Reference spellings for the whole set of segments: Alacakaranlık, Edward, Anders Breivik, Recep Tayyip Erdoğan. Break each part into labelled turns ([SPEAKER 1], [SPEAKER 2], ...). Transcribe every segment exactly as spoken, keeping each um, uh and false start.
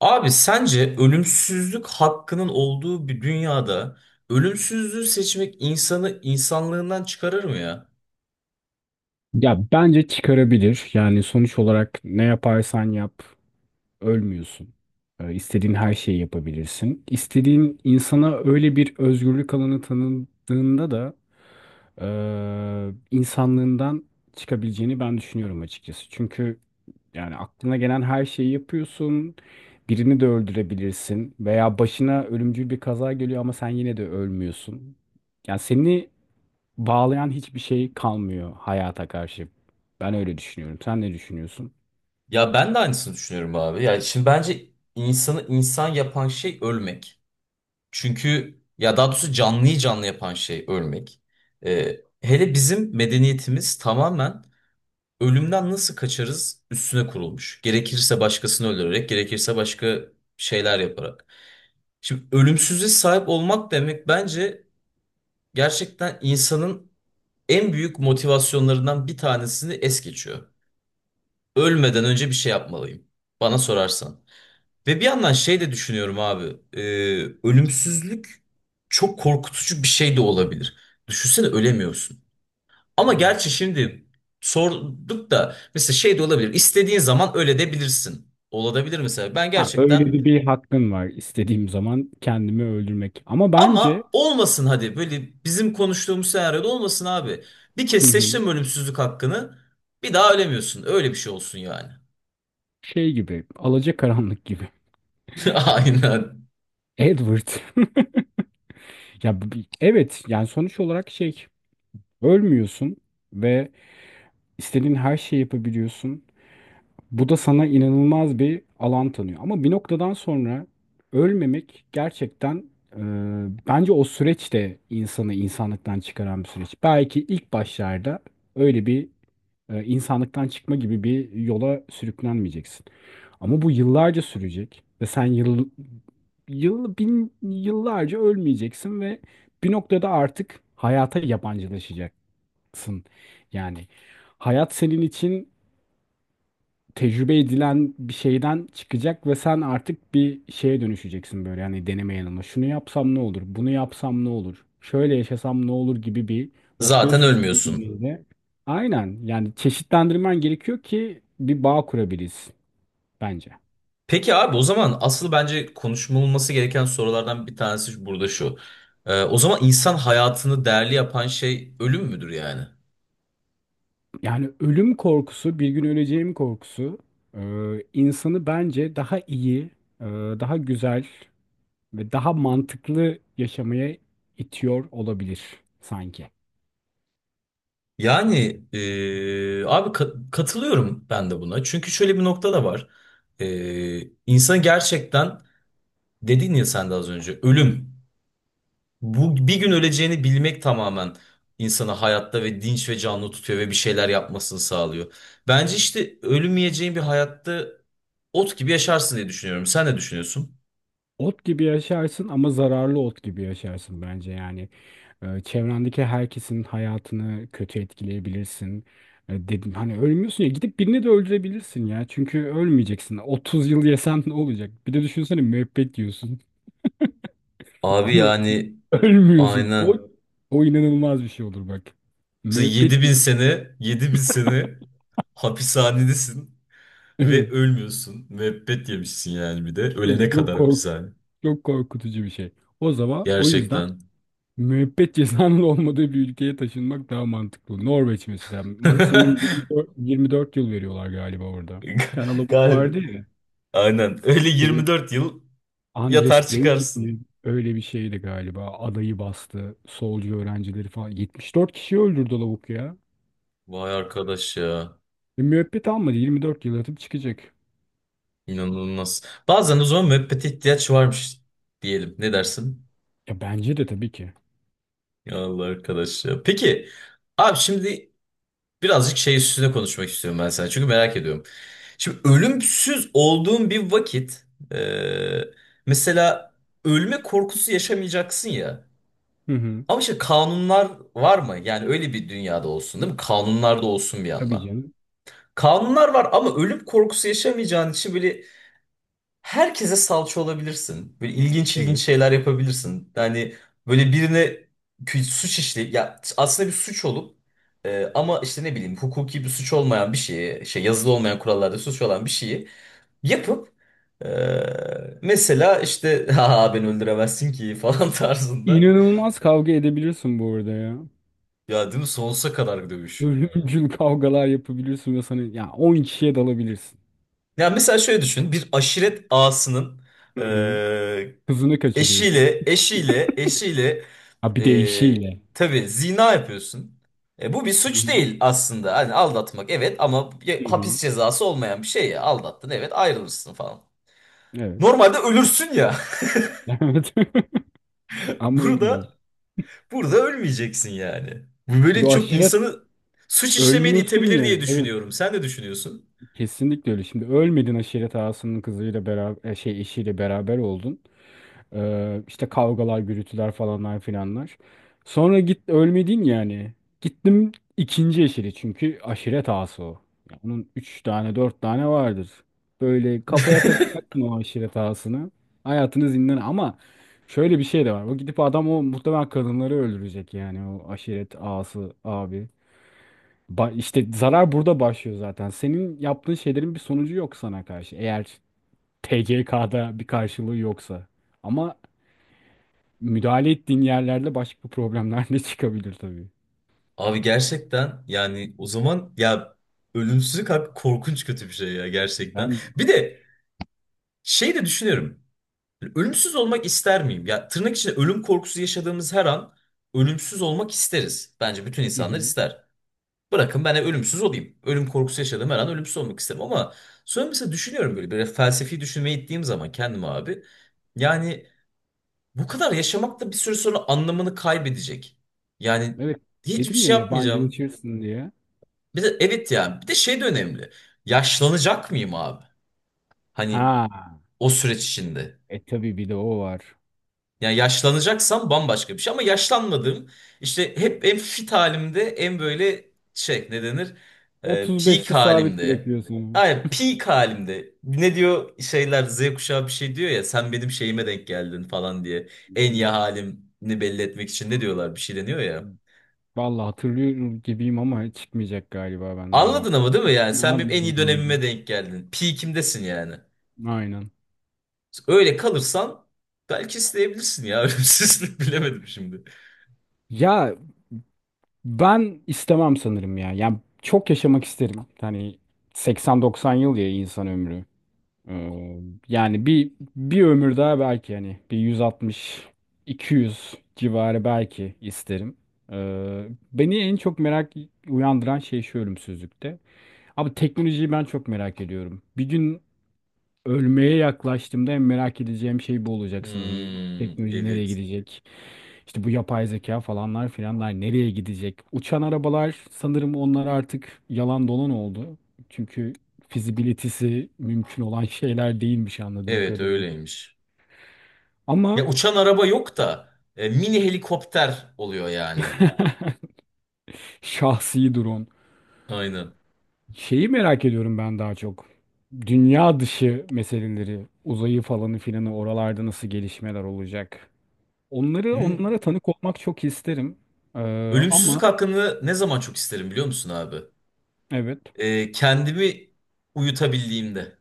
[SPEAKER 1] Abi sence ölümsüzlük hakkının olduğu bir dünyada ölümsüzlüğü seçmek insanı insanlığından çıkarır mı ya?
[SPEAKER 2] Ya bence çıkarabilir. Yani sonuç olarak ne yaparsan yap ölmüyorsun. Ee, istediğin her şeyi yapabilirsin. İstediğin insana öyle bir özgürlük alanı tanıdığında da eee, insanlığından çıkabileceğini ben düşünüyorum açıkçası. Çünkü yani aklına gelen her şeyi yapıyorsun. Birini de öldürebilirsin veya başına ölümcül bir kaza geliyor ama sen yine de ölmüyorsun. Yani seni bağlayan hiçbir şey kalmıyor hayata karşı. Ben öyle düşünüyorum. Sen ne düşünüyorsun?
[SPEAKER 1] Ya ben de aynısını düşünüyorum abi. Yani şimdi bence insanı insan yapan şey ölmek. Çünkü ya daha doğrusu canlıyı canlı yapan şey ölmek. Ee, Hele bizim medeniyetimiz tamamen ölümden nasıl kaçarız üstüne kurulmuş. Gerekirse başkasını öldürerek, gerekirse başka şeyler yaparak. Şimdi ölümsüzlüğe sahip olmak demek bence gerçekten insanın en büyük motivasyonlarından bir tanesini es geçiyor. Ölmeden önce bir şey yapmalıyım. Bana sorarsan. Ve bir yandan şey de düşünüyorum abi. E, ölümsüzlük çok korkutucu bir şey de olabilir. Düşünsene ölemiyorsun. Ama
[SPEAKER 2] Hmm.
[SPEAKER 1] gerçi şimdi sorduk da mesela şey de olabilir. İstediğin zaman öyle de bilirsin. Olabilir mesela. Ben
[SPEAKER 2] Ha, öyle
[SPEAKER 1] gerçekten
[SPEAKER 2] de bir hakkın var istediğim zaman kendimi öldürmek. Ama bence.
[SPEAKER 1] ama olmasın, hadi böyle bizim konuştuğumuz senaryoda olmasın abi. Bir kez
[SPEAKER 2] Hı hı.
[SPEAKER 1] seçtim ölümsüzlük hakkını, bir daha ölemiyorsun. Öyle bir şey olsun yani.
[SPEAKER 2] Şey gibi, Alacakaranlık gibi.
[SPEAKER 1] Aynen.
[SPEAKER 2] Edward. Ya bu bir- evet, yani sonuç olarak şey ölmüyorsun ve istediğin her şeyi yapabiliyorsun. Bu da sana inanılmaz bir alan tanıyor. Ama bir noktadan sonra ölmemek gerçekten, e, bence o süreç de insanı insanlıktan çıkaran bir süreç. Belki ilk başlarda öyle bir e, insanlıktan çıkma gibi bir yola sürüklenmeyeceksin. Ama bu yıllarca sürecek ve sen yıl, yıl bin yıllarca ölmeyeceksin ve bir noktada artık hayata yabancılaşacaksın. Yani hayat senin için tecrübe edilen bir şeyden çıkacak ve sen artık bir şeye dönüşeceksin, böyle yani deneme yanılma. Şunu yapsam ne olur? Bunu yapsam ne olur? Şöyle yaşasam ne olur gibi bir noktaya Hmm.
[SPEAKER 1] Zaten ölmüyorsun.
[SPEAKER 2] sürüklediğinde aynen, yani çeşitlendirmen gerekiyor ki bir bağ kurabiliriz bence.
[SPEAKER 1] Peki abi, o zaman asıl bence konuşulması gereken sorulardan bir tanesi burada şu. Ee, o zaman insan hayatını değerli yapan şey ölüm müdür yani?
[SPEAKER 2] Yani ölüm korkusu, bir gün öleceğim korkusu e, insanı bence daha iyi, e, daha güzel ve daha mantıklı yaşamaya itiyor olabilir sanki.
[SPEAKER 1] Yani ee, abi, ka- katılıyorum ben de buna. Çünkü şöyle bir nokta da var. Ee, insan gerçekten, dedin ya sen de az önce, ölüm. Bu bir gün öleceğini bilmek tamamen insanı hayatta ve dinç ve canlı tutuyor ve bir şeyler yapmasını sağlıyor. Bence işte ölmeyeceğin bir hayatta ot gibi yaşarsın diye düşünüyorum. Sen ne düşünüyorsun?
[SPEAKER 2] Ot gibi yaşarsın ama zararlı ot gibi yaşarsın bence yani. Ee, çevrendeki herkesin hayatını kötü etkileyebilirsin. Ee, dedim hani, ölmüyorsun ya, gidip birini de öldürebilirsin ya. Çünkü ölmeyeceksin. otuz yıl yesen ne olacak? Bir de düşünsene, müebbet yiyorsun
[SPEAKER 1] Abi
[SPEAKER 2] ama
[SPEAKER 1] yani
[SPEAKER 2] ölmüyorsun. O
[SPEAKER 1] aynen.
[SPEAKER 2] o inanılmaz bir şey olur bak.
[SPEAKER 1] Sen
[SPEAKER 2] Müebbet
[SPEAKER 1] yedi bin
[SPEAKER 2] yiyorsun.
[SPEAKER 1] sene, yedi bin sene hapishanedesin ve
[SPEAKER 2] Evet.
[SPEAKER 1] ölmüyorsun. Müebbet yemişsin yani bir de. Ölene
[SPEAKER 2] Çok
[SPEAKER 1] kadar
[SPEAKER 2] kork
[SPEAKER 1] hapishane.
[SPEAKER 2] Çok korkutucu bir şey. O zaman o yüzden
[SPEAKER 1] Gerçekten.
[SPEAKER 2] müebbet cezanın olmadığı bir ülkeye taşınmak daha mantıklı. Norveç mesela. Maksimum 24, yirmi dört yıl veriyorlar galiba orada. Bir tane lavuk
[SPEAKER 1] Galiba.
[SPEAKER 2] vardı ya.
[SPEAKER 1] Aynen. Öyle Yirmi
[SPEAKER 2] Şey,
[SPEAKER 1] dört yıl
[SPEAKER 2] Andres
[SPEAKER 1] yatar
[SPEAKER 2] Breivik.
[SPEAKER 1] çıkarsın.
[SPEAKER 2] Öyle bir şeydi galiba. Adayı bastı. Solcu öğrencileri falan. yetmiş dört kişi öldürdü lavuk ya.
[SPEAKER 1] Vay arkadaş ya.
[SPEAKER 2] Ve müebbet almadı. yirmi dört yıl yatıp çıkacak.
[SPEAKER 1] İnanılmaz. Bazen o zaman müebbete ihtiyaç varmış, diyelim. Ne dersin?
[SPEAKER 2] Ya bence de tabii ki.
[SPEAKER 1] Ya Allah arkadaş ya. Peki abi, şimdi birazcık şey üstüne konuşmak istiyorum ben sana. Çünkü merak ediyorum. Şimdi ölümsüz olduğun bir vakit, e, mesela, ölme korkusu yaşamayacaksın ya.
[SPEAKER 2] Hı hı.
[SPEAKER 1] Ama işte kanunlar var mı? Yani öyle bir dünyada olsun değil mi? Kanunlar da olsun bir
[SPEAKER 2] Tabii
[SPEAKER 1] yandan.
[SPEAKER 2] canım.
[SPEAKER 1] Kanunlar var ama ölüm korkusu yaşamayacağın için böyle herkese salça olabilirsin. Böyle ilginç ilginç
[SPEAKER 2] Evet.
[SPEAKER 1] şeyler yapabilirsin. Yani böyle birine kü- suç işleyip, ya aslında bir suç olup e, ama işte ne bileyim, hukuki bir suç olmayan bir şeyi, şey, yazılı olmayan kurallarda suç olan bir şeyi yapıp e, mesela işte ha beni öldüremezsin ki falan tarzında.
[SPEAKER 2] İnanılmaz kavga edebilirsin bu arada ya.
[SPEAKER 1] Ya değil mi, sonsuza kadar bir dövüş.
[SPEAKER 2] Ölümcül kavgalar yapabilirsin ve sana, ya, on kişiye dalabilirsin.
[SPEAKER 1] Ya mesela şöyle düşün, bir aşiret ağasının
[SPEAKER 2] Hı hı.
[SPEAKER 1] e,
[SPEAKER 2] Hızını kaçırıyorsun.
[SPEAKER 1] eşiyle eşiyle eşiyle.
[SPEAKER 2] Ha, bir de
[SPEAKER 1] E,
[SPEAKER 2] işiyle.
[SPEAKER 1] tabii zina yapıyorsun. E, bu bir
[SPEAKER 2] Hı
[SPEAKER 1] suç
[SPEAKER 2] hı.
[SPEAKER 1] değil aslında. Hani aldatmak evet ama ya-
[SPEAKER 2] Hı hı.
[SPEAKER 1] hapis cezası olmayan bir şey ya. Aldattın, evet, ayrılırsın falan.
[SPEAKER 2] Evet.
[SPEAKER 1] Normalde ölürsün ya.
[SPEAKER 2] Evet. Ama
[SPEAKER 1] Burada
[SPEAKER 2] ölmüyorsun.
[SPEAKER 1] burada ölmeyeceksin yani. Bu
[SPEAKER 2] Şimdi
[SPEAKER 1] böyle
[SPEAKER 2] o
[SPEAKER 1] çok
[SPEAKER 2] aşiret
[SPEAKER 1] insanı suç işlemeye de
[SPEAKER 2] ölmüyorsun
[SPEAKER 1] itebilir
[SPEAKER 2] ya.
[SPEAKER 1] diye
[SPEAKER 2] Evet,
[SPEAKER 1] düşünüyorum. Sen de düşünüyorsun.
[SPEAKER 2] kesinlikle öyle. Şimdi ölmedin, aşiret ağasının kızıyla beraber, e, şey, eşiyle beraber oldun. Ee, işte kavgalar, gürültüler, falanlar filanlar. Sonra git, ölmedin yani. Gittim ikinci eşili, çünkü aşiret ağası o. Ya onun üç tane dört tane vardır. Böyle kafaya takacaksın o aşiret ağasını. Hayatını zindan, ama şöyle bir şey de var. O gidip adam, o muhtemelen kadınları öldürecek yani, o aşiret ağası abi. Ba, işte zarar burada başlıyor zaten. Senin yaptığın şeylerin bir sonucu yok sana karşı. Eğer T C K'da bir karşılığı yoksa. Ama müdahale ettiğin yerlerde başka problemler de çıkabilir tabii.
[SPEAKER 1] Abi gerçekten yani, o zaman ya, ölümsüzlük abi korkunç kötü bir şey ya gerçekten.
[SPEAKER 2] Ben.
[SPEAKER 1] Bir de şey de düşünüyorum. Ölümsüz olmak ister miyim? Ya tırnak içinde, ölüm korkusu yaşadığımız her an ölümsüz olmak isteriz. Bence bütün
[SPEAKER 2] Hı
[SPEAKER 1] insanlar
[SPEAKER 2] hı.
[SPEAKER 1] ister. Bırakın ben de ölümsüz olayım. Ölüm korkusu yaşadığım her an ölümsüz olmak isterim ama sonra mesela düşünüyorum böyle, böyle felsefi düşünmeye gittiğim zaman kendime abi. Yani bu kadar yaşamak da bir süre sonra anlamını kaybedecek. Yani
[SPEAKER 2] Evet,
[SPEAKER 1] hiçbir
[SPEAKER 2] dedim
[SPEAKER 1] şey
[SPEAKER 2] ya,
[SPEAKER 1] yapmayacağım.
[SPEAKER 2] yabancılaşırsın diye.
[SPEAKER 1] Bir de evet yani, bir de şey de önemli. Yaşlanacak mıyım abi? Hani
[SPEAKER 2] Ha,
[SPEAKER 1] o süreç içinde.
[SPEAKER 2] e tabii, bir de o var.
[SPEAKER 1] Yani yaşlanacaksam bambaşka bir şey ama yaşlanmadığım, işte hep en fit halimde, en böyle şey ne denir, Ee, peak
[SPEAKER 2] otuz beşte sabit
[SPEAKER 1] halimde.
[SPEAKER 2] bırakıyorsun.
[SPEAKER 1] Ay, peak halimde. Ne diyor şeyler, Z kuşağı bir şey diyor ya, sen benim şeyime denk geldin falan diye. En iyi halimini belli etmek için ne diyorlar, bir şey deniyor ya.
[SPEAKER 2] Vallahi hatırlıyorum gibiyim ama çıkmayacak galiba benden o.
[SPEAKER 1] Anladın ama değil mi, yani sen benim en
[SPEAKER 2] Anladım,
[SPEAKER 1] iyi
[SPEAKER 2] anladım.
[SPEAKER 1] dönemime denk geldin. Peak'imdesin yani.
[SPEAKER 2] Aynen.
[SPEAKER 1] Öyle kalırsan belki isteyebilirsin ya. Ölümsüzlük bilemedim şimdi.
[SPEAKER 2] Ya, ben istemem sanırım ya. Yani çok yaşamak isterim. Hani seksen doksan yıl ya insan ömrü. Ee, yani bir bir ömür daha belki, hani bir yüz altmış, iki yüz civarı belki isterim. Ee, beni en çok merak uyandıran şey şu ölümsüzlükte. Abi, teknolojiyi ben çok merak ediyorum. Bir gün ölmeye yaklaştığımda en merak edeceğim şey bu olacak sanırım.
[SPEAKER 1] Hmm,
[SPEAKER 2] Teknoloji nereye
[SPEAKER 1] evet.
[SPEAKER 2] gidecek? İşte bu yapay zeka, falanlar filanlar nereye gidecek? Uçan arabalar, sanırım onlar artık yalan dolan oldu. Çünkü fizibilitesi mümkün olan şeyler değilmiş anladığım
[SPEAKER 1] Evet
[SPEAKER 2] kadarıyla.
[SPEAKER 1] öyleymiş. Ya
[SPEAKER 2] Ama
[SPEAKER 1] uçan araba yok da e, mini helikopter oluyor yani.
[SPEAKER 2] şahsi drone.
[SPEAKER 1] Aynen.
[SPEAKER 2] Şeyi merak ediyorum ben daha çok. Dünya dışı meseleleri, uzayı falanı filanı, oralarda nasıl gelişmeler olacak? Onları,
[SPEAKER 1] Hı.
[SPEAKER 2] onlara tanık olmak çok isterim. Ee,
[SPEAKER 1] Ölümsüzlük
[SPEAKER 2] ama
[SPEAKER 1] hakkını ne zaman çok isterim biliyor musun abi?
[SPEAKER 2] evet.
[SPEAKER 1] E, kendimi uyutabildiğimde.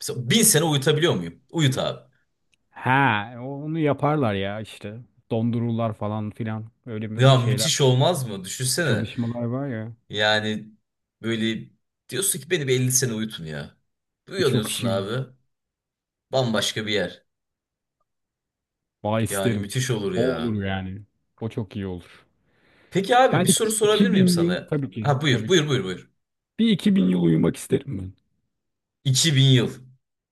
[SPEAKER 1] Mesela bin sene uyutabiliyor muyum? Uyut abi.
[SPEAKER 2] Ha, onu yaparlar ya işte. Dondururlar falan filan. Öyle
[SPEAKER 1] Ya
[SPEAKER 2] bir şeyler,
[SPEAKER 1] müthiş olmaz mı? Düşünsene.
[SPEAKER 2] çalışmalar var ya.
[SPEAKER 1] Yani böyle diyorsun ki beni bir elli sene uyutun ya. Uyanıyorsun
[SPEAKER 2] Çok iyi.
[SPEAKER 1] abi. Bambaşka bir yer.
[SPEAKER 2] Vay,
[SPEAKER 1] Yani
[SPEAKER 2] isterim.
[SPEAKER 1] müthiş olur
[SPEAKER 2] O
[SPEAKER 1] ya.
[SPEAKER 2] olur yani. O çok iyi olur.
[SPEAKER 1] Peki abi
[SPEAKER 2] Ben
[SPEAKER 1] bir soru
[SPEAKER 2] iki-
[SPEAKER 1] sorabilir miyim
[SPEAKER 2] 2000 yıl,
[SPEAKER 1] sana?
[SPEAKER 2] tabii ki,
[SPEAKER 1] Ha buyur
[SPEAKER 2] tabii ki.
[SPEAKER 1] buyur buyur buyur.
[SPEAKER 2] Bir iki bin yıl uyumak isterim ben.
[SPEAKER 1] iki bin yıl.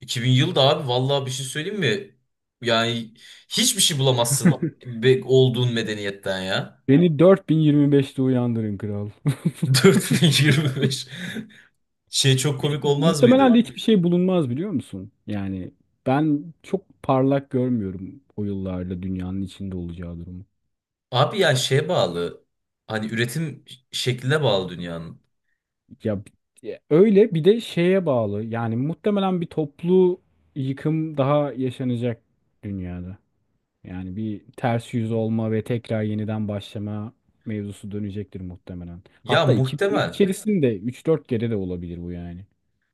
[SPEAKER 1] iki bin yıl da abi, vallahi bir şey söyleyeyim mi? Yani hiçbir şey bulamazsın be- olduğun medeniyetten ya.
[SPEAKER 2] Beni dört bin yirmi beşte uyandırın kral.
[SPEAKER 1] dört bin yirmi beş. Şey, çok
[SPEAKER 2] Hiç-
[SPEAKER 1] komik olmaz
[SPEAKER 2] Muhtemelen de
[SPEAKER 1] mıydı?
[SPEAKER 2] hiçbir şey bulunmaz, biliyor musun? Yani ben çok parlak görmüyorum o yıllarda dünyanın içinde olacağı durumu.
[SPEAKER 1] Abi ya şeye bağlı. Hani üretim şekline bağlı dünyanın.
[SPEAKER 2] Ya, bi- öyle bir de şeye bağlı. Yani muhtemelen bir toplu yıkım daha yaşanacak dünyada. Yani bir ters yüz olma ve tekrar yeniden başlama mevzusu dönecektir muhtemelen.
[SPEAKER 1] Ya
[SPEAKER 2] Hatta iki bin yıl
[SPEAKER 1] muhtemel.
[SPEAKER 2] içerisinde üç dört kere de olabilir bu yani.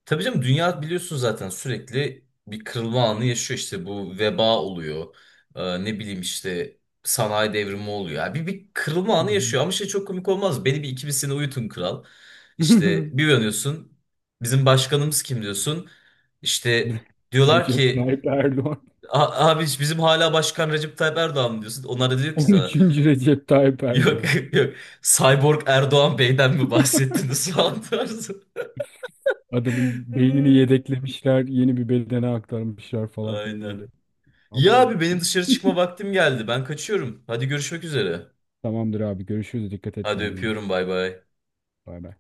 [SPEAKER 1] Tabii canım, dünya biliyorsun zaten sürekli bir kırılma anı yaşıyor, işte bu veba oluyor. Ee, ne bileyim işte sanayi devrimi oluyor. Yani bir, bir kırılma
[SPEAKER 2] Hı
[SPEAKER 1] anı
[SPEAKER 2] hı.
[SPEAKER 1] yaşıyor ama şey, çok komik olmaz mı? Beni bir iki bir sene uyutun kral. İşte bir uyanıyorsun, bizim başkanımız kim diyorsun. İşte diyorlar
[SPEAKER 2] Recep
[SPEAKER 1] ki,
[SPEAKER 2] Tayyip Erdoğan.
[SPEAKER 1] "A- abi bizim hala başkan Recep Tayyip Erdoğan mı" diyorsun. Onlar da diyor
[SPEAKER 2] on
[SPEAKER 1] ki sana,
[SPEAKER 2] üçüncü Recep Tayyip
[SPEAKER 1] "Yok,
[SPEAKER 2] Erdoğan.
[SPEAKER 1] yok, Cyborg Erdoğan Bey'den mi bahsettiniz" falan tarzı.
[SPEAKER 2] Adamın beynini yedeklemişler, yeni bir bedene aktarmışlar falan filan
[SPEAKER 1] Aynen.
[SPEAKER 2] böyle.
[SPEAKER 1] Ya
[SPEAKER 2] Abo.
[SPEAKER 1] abi benim dışarı çıkma vaktim geldi. Ben kaçıyorum. Hadi görüşmek üzere.
[SPEAKER 2] Tamamdır abi, görüşürüz. Dikkat et
[SPEAKER 1] Hadi
[SPEAKER 2] kendine.
[SPEAKER 1] öpüyorum, bay bay.
[SPEAKER 2] Bay bay.